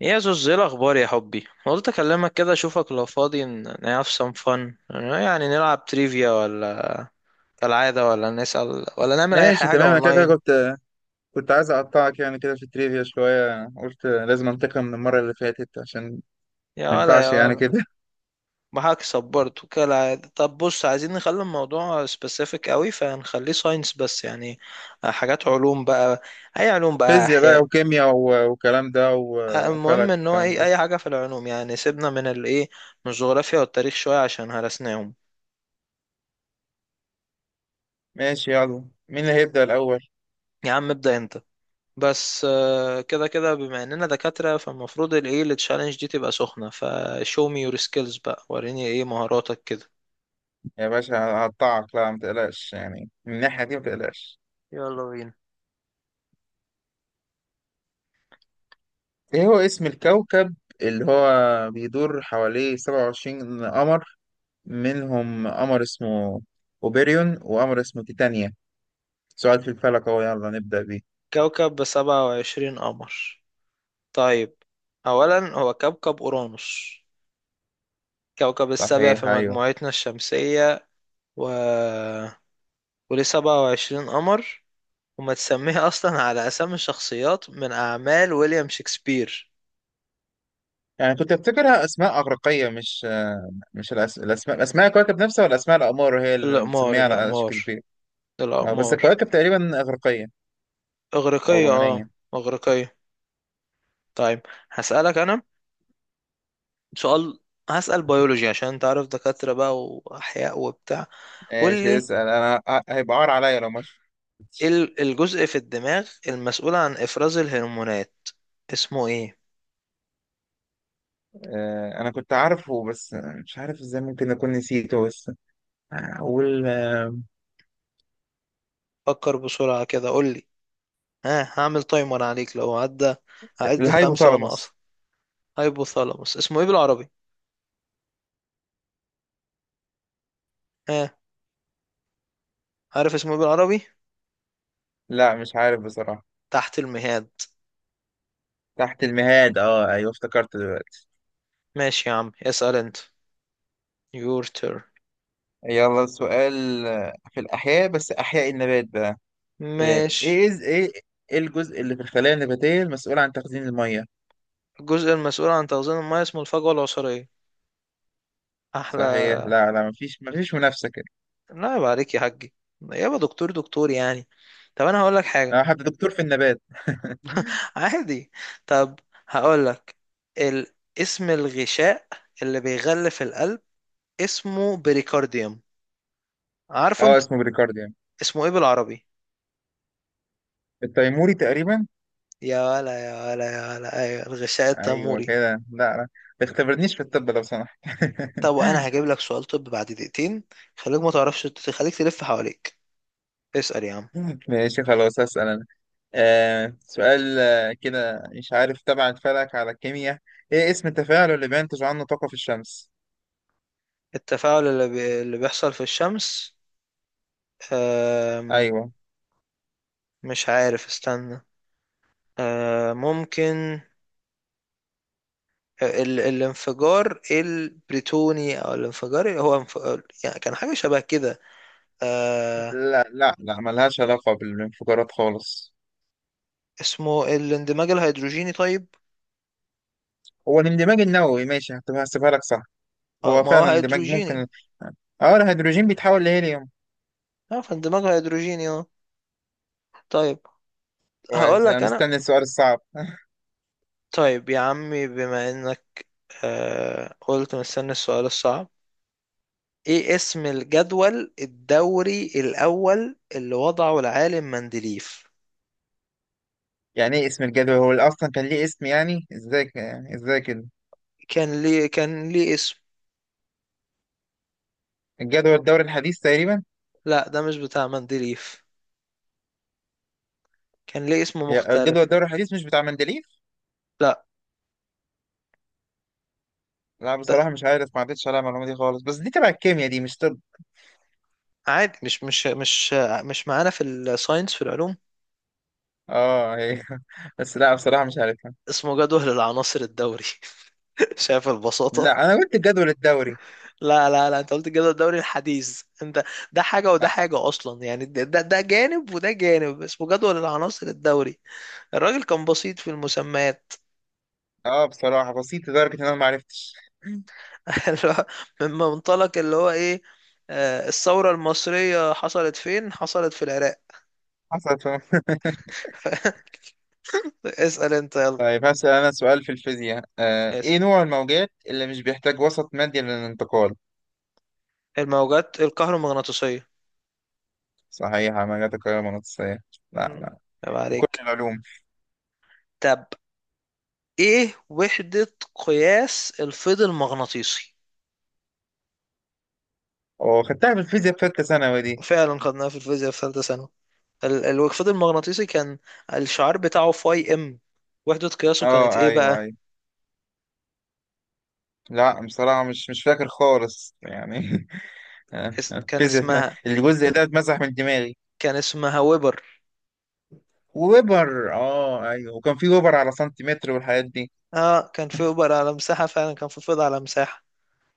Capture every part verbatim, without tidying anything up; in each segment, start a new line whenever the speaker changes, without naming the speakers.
يا زوز، ايه الاخبار يا حبي؟ قلت اكلمك كده، اشوفك لو فاضي، ن- نعرف سم فن، يعني نلعب تريفيا ولا كالعاده، ولا نسأل، ولا نعمل اي
ماشي،
حاجه
تمام. انا كده كده
اونلاين.
كنت كنت عايز اقطعك يعني كده في التريفيا شويه. قلت لازم انتقم من المره اللي فاتت، عشان
يا
ما
ولا، يا
ينفعش يعني
ولا،
كده.
معاك صبرت كالعاده. طب بص، عايزين نخلي الموضوع سبيسيفيك قوي، فنخليه ساينس بس، يعني حاجات علوم بقى. اي علوم بقى،
فيزياء بقى
احياء،
وكيمياء و- والكلام ده و-
المهم
وفلك
ان هو
والكلام
ايه،
ده.
اي حاجه في العلوم، يعني سيبنا من الايه، من الجغرافيا والتاريخ شويه عشان هرسناهم.
ماشي، يلا مين اللي هيبدأ الاول؟
يا عم، ابدأ انت. بس آه، كده كده، بما اننا دكاترة فالمفروض الايه التشالنج دي تبقى سخنة. فشو مي يور سكيلز بقى، وريني ايه مهاراتك كده.
يا باشا هقطعك، لا ما تقلقش يعني من الناحيه دي، ما تقلقش.
يلا بينا.
ايه هو اسم الكوكب اللي هو بيدور حواليه سبعة وعشرين قمر، منهم قمر اسمه اوبيريون وقمر اسمه تيتانيا؟ سؤال في الفلك اهو، يلا نبدأ بيه.
كوكب بسبعة وعشرين قمر؟ طيب. اولا هو كوكب اورانوس، كوكب السابع في
صحيح، ايوه.
مجموعتنا الشمسية. و... وليه سبعة وعشرين قمر. وما تسميه اصلا على اسامي الشخصيات من اعمال ويليام شكسبير.
يعني كنت افتكرها اسماء اغريقيه، مش آه، مش الأس... الاسماء. اسماء الكواكب نفسها ولا اسماء الاقمار هي اللي
الاقمار،
مسميها على
الاقمار.
شكسبير؟ آه، بس
الاقمار.
الكواكب تقريبا اغريقيه او
اغريقية، اه،
رومانيه.
اغريقية. طيب. هسألك أنا سؤال. هسأل بيولوجي، عشان أنت عارف، دكاترة بقى وأحياء وبتاع. قول
ايش
لي،
اسال انا؟ ه- هيبقى عار عليا لو مش.
إيه ال- الجزء في الدماغ المسؤول عن إفراز الهرمونات اسمه إيه؟
آه، انا كنت عارفه بس مش عارف ازاي ممكن اكون نسيته. بس اقول آه،
فكر بسرعة كده، قول لي. ها، هعمل تايمر عليك لو عدى. هعد الخمسة وأنا أصلا.
الهايبوثالاموس.
هايبوثالاموس، اسمه إيه بالعربي؟ ها؟ عارف اسمه إيه بالعربي؟
لا مش عارف بصراحه.
تحت المهاد.
تحت المهاد، اه ايوه افتكرت دلوقتي.
ماشي يا عم، اسأل أنت. your turn.
يلا سؤال آه، في الاحياء، بس احياء النبات بقى. ايه
ماشي.
ايه إز- ايه، إيه الجزء اللي في الخلايا النباتية المسؤول عن تخزين المية؟
الجزء المسؤول عن تخزين المياه اسمه الفجوة العصارية.
صحيح.
أحلى.
لا لا، مفيش مفيش منافسة كده.
لا، عيب عليك يا حاجي، يابا، دكتور دكتور يعني. طب انا هقول لك حاجه.
انا حتى دكتور في النبات.
عادي. طب، هقول لك ال... اسم الغشاء اللي بيغلف القلب اسمه بريكارديوم. عارفه
اه
انت
اسمه بريكارد يعني.
اسمه ايه بالعربي؟
التيموري تقريبا.
يا ولا، يا ولا، يا ولا، ايوه الغشاء
ايوه
التاموري.
كده. لا لا، ما تختبرنيش في الطب لو سمحت.
طب انا هجيب لك سؤال طب بعد دقيقتين. خليك ما تعرفش، خليك تلف حواليك. اسأل يا عم.
ماشي خلاص هسأل انا. آه سؤال، آه، كده مش عارف تبع الفلك على الكيمياء. ايه اسم التفاعل اللي بينتج عنه طاقة في الشمس؟
التفاعل اللي, بي... اللي بيحصل في الشمس. أم...
ايوه.
مش عارف، استنى. أم... ممكن ال- الانفجار البريتوني، او الانفجار اللي هو انف... يعني كان حاجه شبه كده. آه.
لا لا لا، ملهاش علاقة بالانفجارات خالص.
اسمه الاندماج الهيدروجيني. طيب.
هو الاندماج النووي، ماشي هتبقى هسيبها لك صح.
اه،
هو
ما هو
فعلا اندماج
هيدروجيني.
ممكن. اه، الهيدروجين بيتحول لهيليوم.
اه، فاندماج هيدروجيني، اه. طيب. هقول
كويس، انا
لك انا.
مستني السؤال الصعب.
طيب يا عمي، بما انك آه قلت مستني السؤال الصعب، ايه اسم الجدول الدوري الاول اللي وضعه العالم مندليف؟
يعني ايه اسم الجدول؟ هو اللي اصلا كان ليه اسم؟ يعني ازاي ك- يعني ازاي كده؟
كان ليه كان ليه اسم.
الجدول الدوري الحديث تقريبا.
لا، ده مش بتاع مندليف. كان ليه اسم
هي- الجدول
مختلف.
الدوري الحديث مش بتاع مندليف؟
لا.
لا بصراحة مش عارف، ما عدتش عليها المعلومة دي خالص، بس دي تبع الكيمياء دي مش طب.
عادي، مش مش مش مش معانا في الساينس، في العلوم.
اه هي. بس لا بصراحة مش عارفها.
اسمه جدول العناصر الدوري. شايف البساطة؟
لا انا قلت الجدول الدوري.
لا، لا، لا، انت قلت الجدول الدوري الحديث انت. ده حاجة وده
اه.
حاجة اصلا، يعني ده ده ده جانب وده جانب، اسمه جدول العناصر الدوري. الراجل كان بسيط في المسميات.
آه، بصراحة بسيط لدرجة ان انا ما عرفتش.
اللي هو، من منطلق اللي هو ايه، آه، الثورة المصرية حصلت فين؟ حصلت في العراق.
حصلت.
اسأل انت يلا.
طيب هسأل أنا سؤال في الفيزياء، آه،
اسأل.
إيه نوع الموجات اللي مش بيحتاج وسط مادي للانتقال؟
الموجات الكهرومغناطيسية.
صحيحة، موجات القاهرة المغناطيسية. لا
مم.
لا،
طب،
في كل
عليك.
العلوم.
طب، ايه وحدة قياس الفيض المغناطيسي؟
أو خدتها في الفيزياء في ثالثة ثانوي دي.
فعلا خدناها في الفيزياء في ثالثة ثانوي. ال- ال- الفيض المغناطيسي كان الشعار بتاعه فاي ام، وحدة قياسه كانت
أه
ايه
أيوه
بقى؟
أيوه. لا بصراحة مش مش فاكر خالص يعني.
اس- كان
الفيزياء اتم-
اسمها
الجزء ده اتمسح من دماغي.
كان اسمها ويبر.
وويبر، أه أيوه، وكان في ويبر على سنتيمتر والحاجات دي.
اه، كان في ويبر على مساحة، فعلا كان في فيض على مساحة.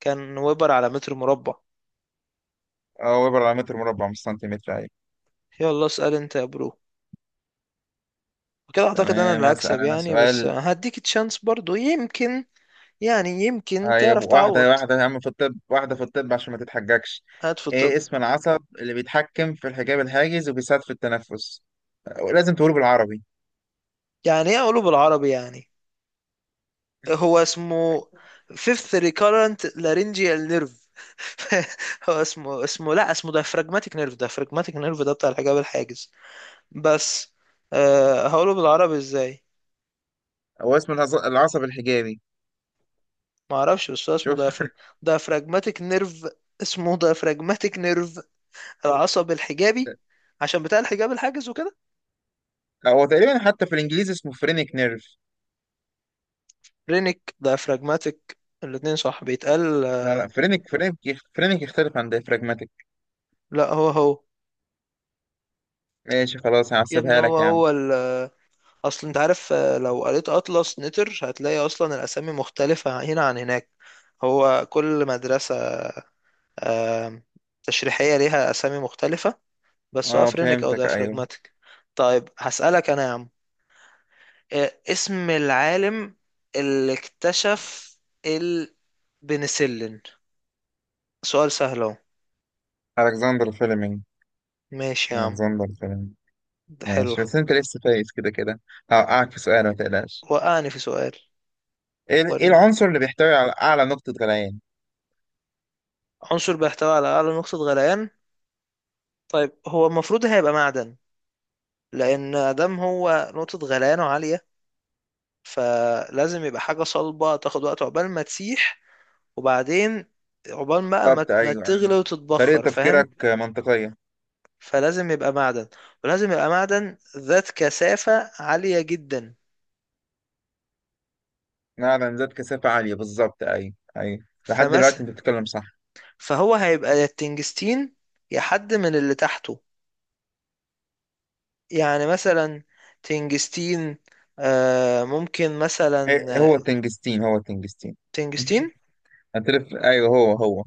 كان ويبر على متر مربع.
أه، ويبر على متر مربع مش سنتيمتر، أيوه.
يلا اسأل انت يا برو، وكده اعتقد انا
تمام
اللي
هسأل
هكسب
أنا
يعني. بس
سؤال.
هديك تشانس برضو، يمكن يعني يمكن
هي
تعرف تعوض.
واحدة واحدة يا عم، في الطب واحدة في الطب عشان ما تتحججش.
هات في الطب.
ايه اسم العصب اللي بيتحكم في الحجاب الحاجز وبيساعد في التنفس؟ لازم تقوله بالعربي.
يعني ايه قولوا بالعربي يعني؟ هو اسمه fifth recurrent laryngeal nerve. هو اسمه اسمه لا، اسمه diaphragmatic nerve. diaphragmatic nerve ده بتاع الحجاب الحاجز بس. أه هقوله بالعربي ازاي؟
هو اسم العص- العصب الحجابي.
ما اعرفش، بس هو اسمه
شوف،
diaphrag- diaphragmatic nerve. اسمه diaphragmatic nerve، العصب الحجابي، عشان بتاع الحجاب الحاجز وكده.
هو تقريبا حتى في الانجليزي اسمه فرينك نيرف.
رينيك diaphragmatic، الاتنين صح بيتقال.
لا
آه،
لا، فرينك فرينك. فرينك يختلف عن ديفراجماتيك.
لا، هو هو.
ماشي خلاص،
يا ابني،
هحسبها
هو
لك يا عم.
هو. اصل انت عارف، آه، لو قريت اطلس نتر هتلاقي اصلا الاسامي مختلفة هنا عن هناك. هو كل مدرسة آم، تشريحية ليها اسامي مختلفة. بس
اه
هو افرينيك او
فهمتك، ايوه.
ديافراجماتيك. طيب، هسألك انا يا عم، آه، اسم العالم اللي اكتشف البنسلين؟ سؤال سهل اهو.
الكسندر فيلمينج.
ماشي يا عم،
الكسندر فيلمينج.
ده حلو.
ماشي، بس انت لسه فايز كده كده. هوقعك في سؤال ما تقلقش.
وقعني في سؤال.
ايه إيه
وريني،
العنصر اللي بيحتوي على اعلى نقطة غليان؟
عنصر بيحتوي على اعلى نقطة غليان. طيب، هو المفروض هيبقى معدن، لان ادم هو نقطة غليانه عالية، فلازم يبقى حاجة صلبة تاخد وقت عقبال ما تسيح، وبعدين عقبال بقى ما
بالظبط،
ما
ايوه أيوة.
تغلي
طريقه
وتتبخر، فاهم؟
تفكيرك منطقيه.
فلازم يبقى معدن، ولازم يبقى معدن ذات كثافة عالية جدا.
نعم، ذات كثافه عاليه، بالظبط ايوه ايوه. لحد
فمثلا،
دلوقتي انت بتتكلم صح.
فهو هيبقى يا التنجستين، يا حد من اللي تحته. يعني مثلا تنجستين، آه، ممكن مثلا
إيه، هو التنجستين، هو التنجستين.
تنجستين،
هتلف، ايوه، هو هو.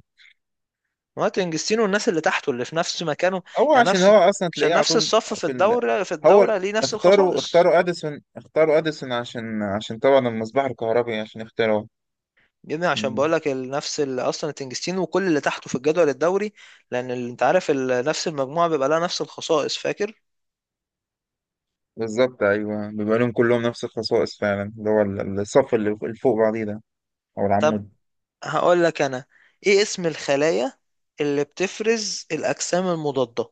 مارتن جستين والناس اللي تحته اللي في نفس مكانه.
هو
يعني
عشان هو
نفس،
اصلا
عشان
تلاقيه على
نفس
طول
الصف في
في ال...
الدورة في
هو ال-
الدورة ليه نفس
اختاروا
الخصائص.
اختاروا اديسون، اختاروا اديسون عشان عشان طبعا المصباح الكهربي عشان اختاروا.
جدا، عشان بقول
مم.
لك نفس ال- اصلا تنجستين وكل اللي تحته في الجدول الدوري، لان ال- انت عارف ال- نفس المجموعة بيبقى لها نفس الخصائص، فاكر؟
بالظبط ايوه، بيبقى لهم كلهم نفس الخصائص فعلا، اللي هو ال- الصف اللي فوق بعضيه ده او
طب،
العمود.
هقول لك انا، ايه اسم الخلايا اللي بتفرز الاجسام المضادة؟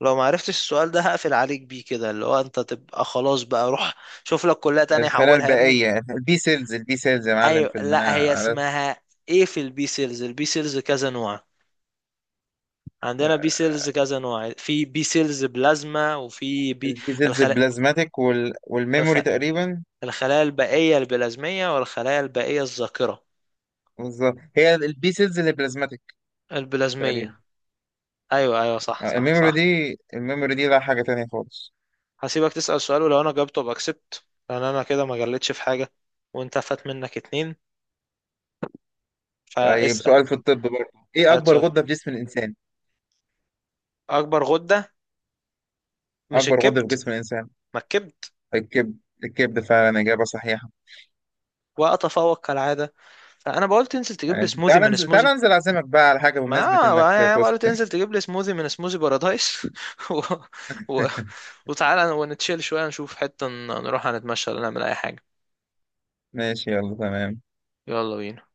لو ما عرفتش السؤال ده هقفل عليك بيه كده، اللي هو انت تبقى خلاص بقى، روح شوف لك كلية تانية
الخلايا
حولها يا ابني.
البائية، البي سيلز، البي سيلز يا معلم
ايوه،
في
لا،
المناعة
هي
عارف.
اسمها ايه، في البي سيلز البي سيلز كذا نوع. عندنا بي سيلز كذا نوع، في بي سيلز بلازما وفي بي.
البي سيلز
الخلايا
البلازماتيك وال...
الخ...
والميموري تقريبا.
الخلايا البائية البلازمية والخلايا البائية الذاكرة.
بالظبط، هي البي سيلز اللي بلازماتيك تقريبا.
البلازمية. ايوه، ايوه، صح،
آه،
صح،
الميموري دي،
صح.
الميموري دي لا، حاجة تانية خالص.
هسيبك تسأل سؤال، ولو انا جاوبته باكسبت، لان انا كده ما جلتش في حاجة، وانت فات منك اتنين.
طيب
فاسأل،
سؤال في الطب برضه، ايه
هات
أكبر
سؤال.
غدة في جسم الإنسان؟
اكبر غدة؟ مش
أكبر غدة في
الكبد؟
جسم الإنسان.
ما الكبد.
الكبد. الكبد فعلا، إجابة صحيحة.
واتفوق كالعادة. فانا بقول تنزل تجيب لي
ماشي،
سموذي
تعال
من
انزل، تعال
سموذي،
انزل أعزمك بقى على حاجة
ما
بمناسبة إنك
ما- بقى له
فزت.
تنزل تجيب لي سموذي من سموذي بارادايس. و... و... وتعالى ونتشيل شوية، نشوف حتة، ن- نروح نتمشى ولا نعمل أي حاجة.
ماشي يلا تمام.
يلا بينا.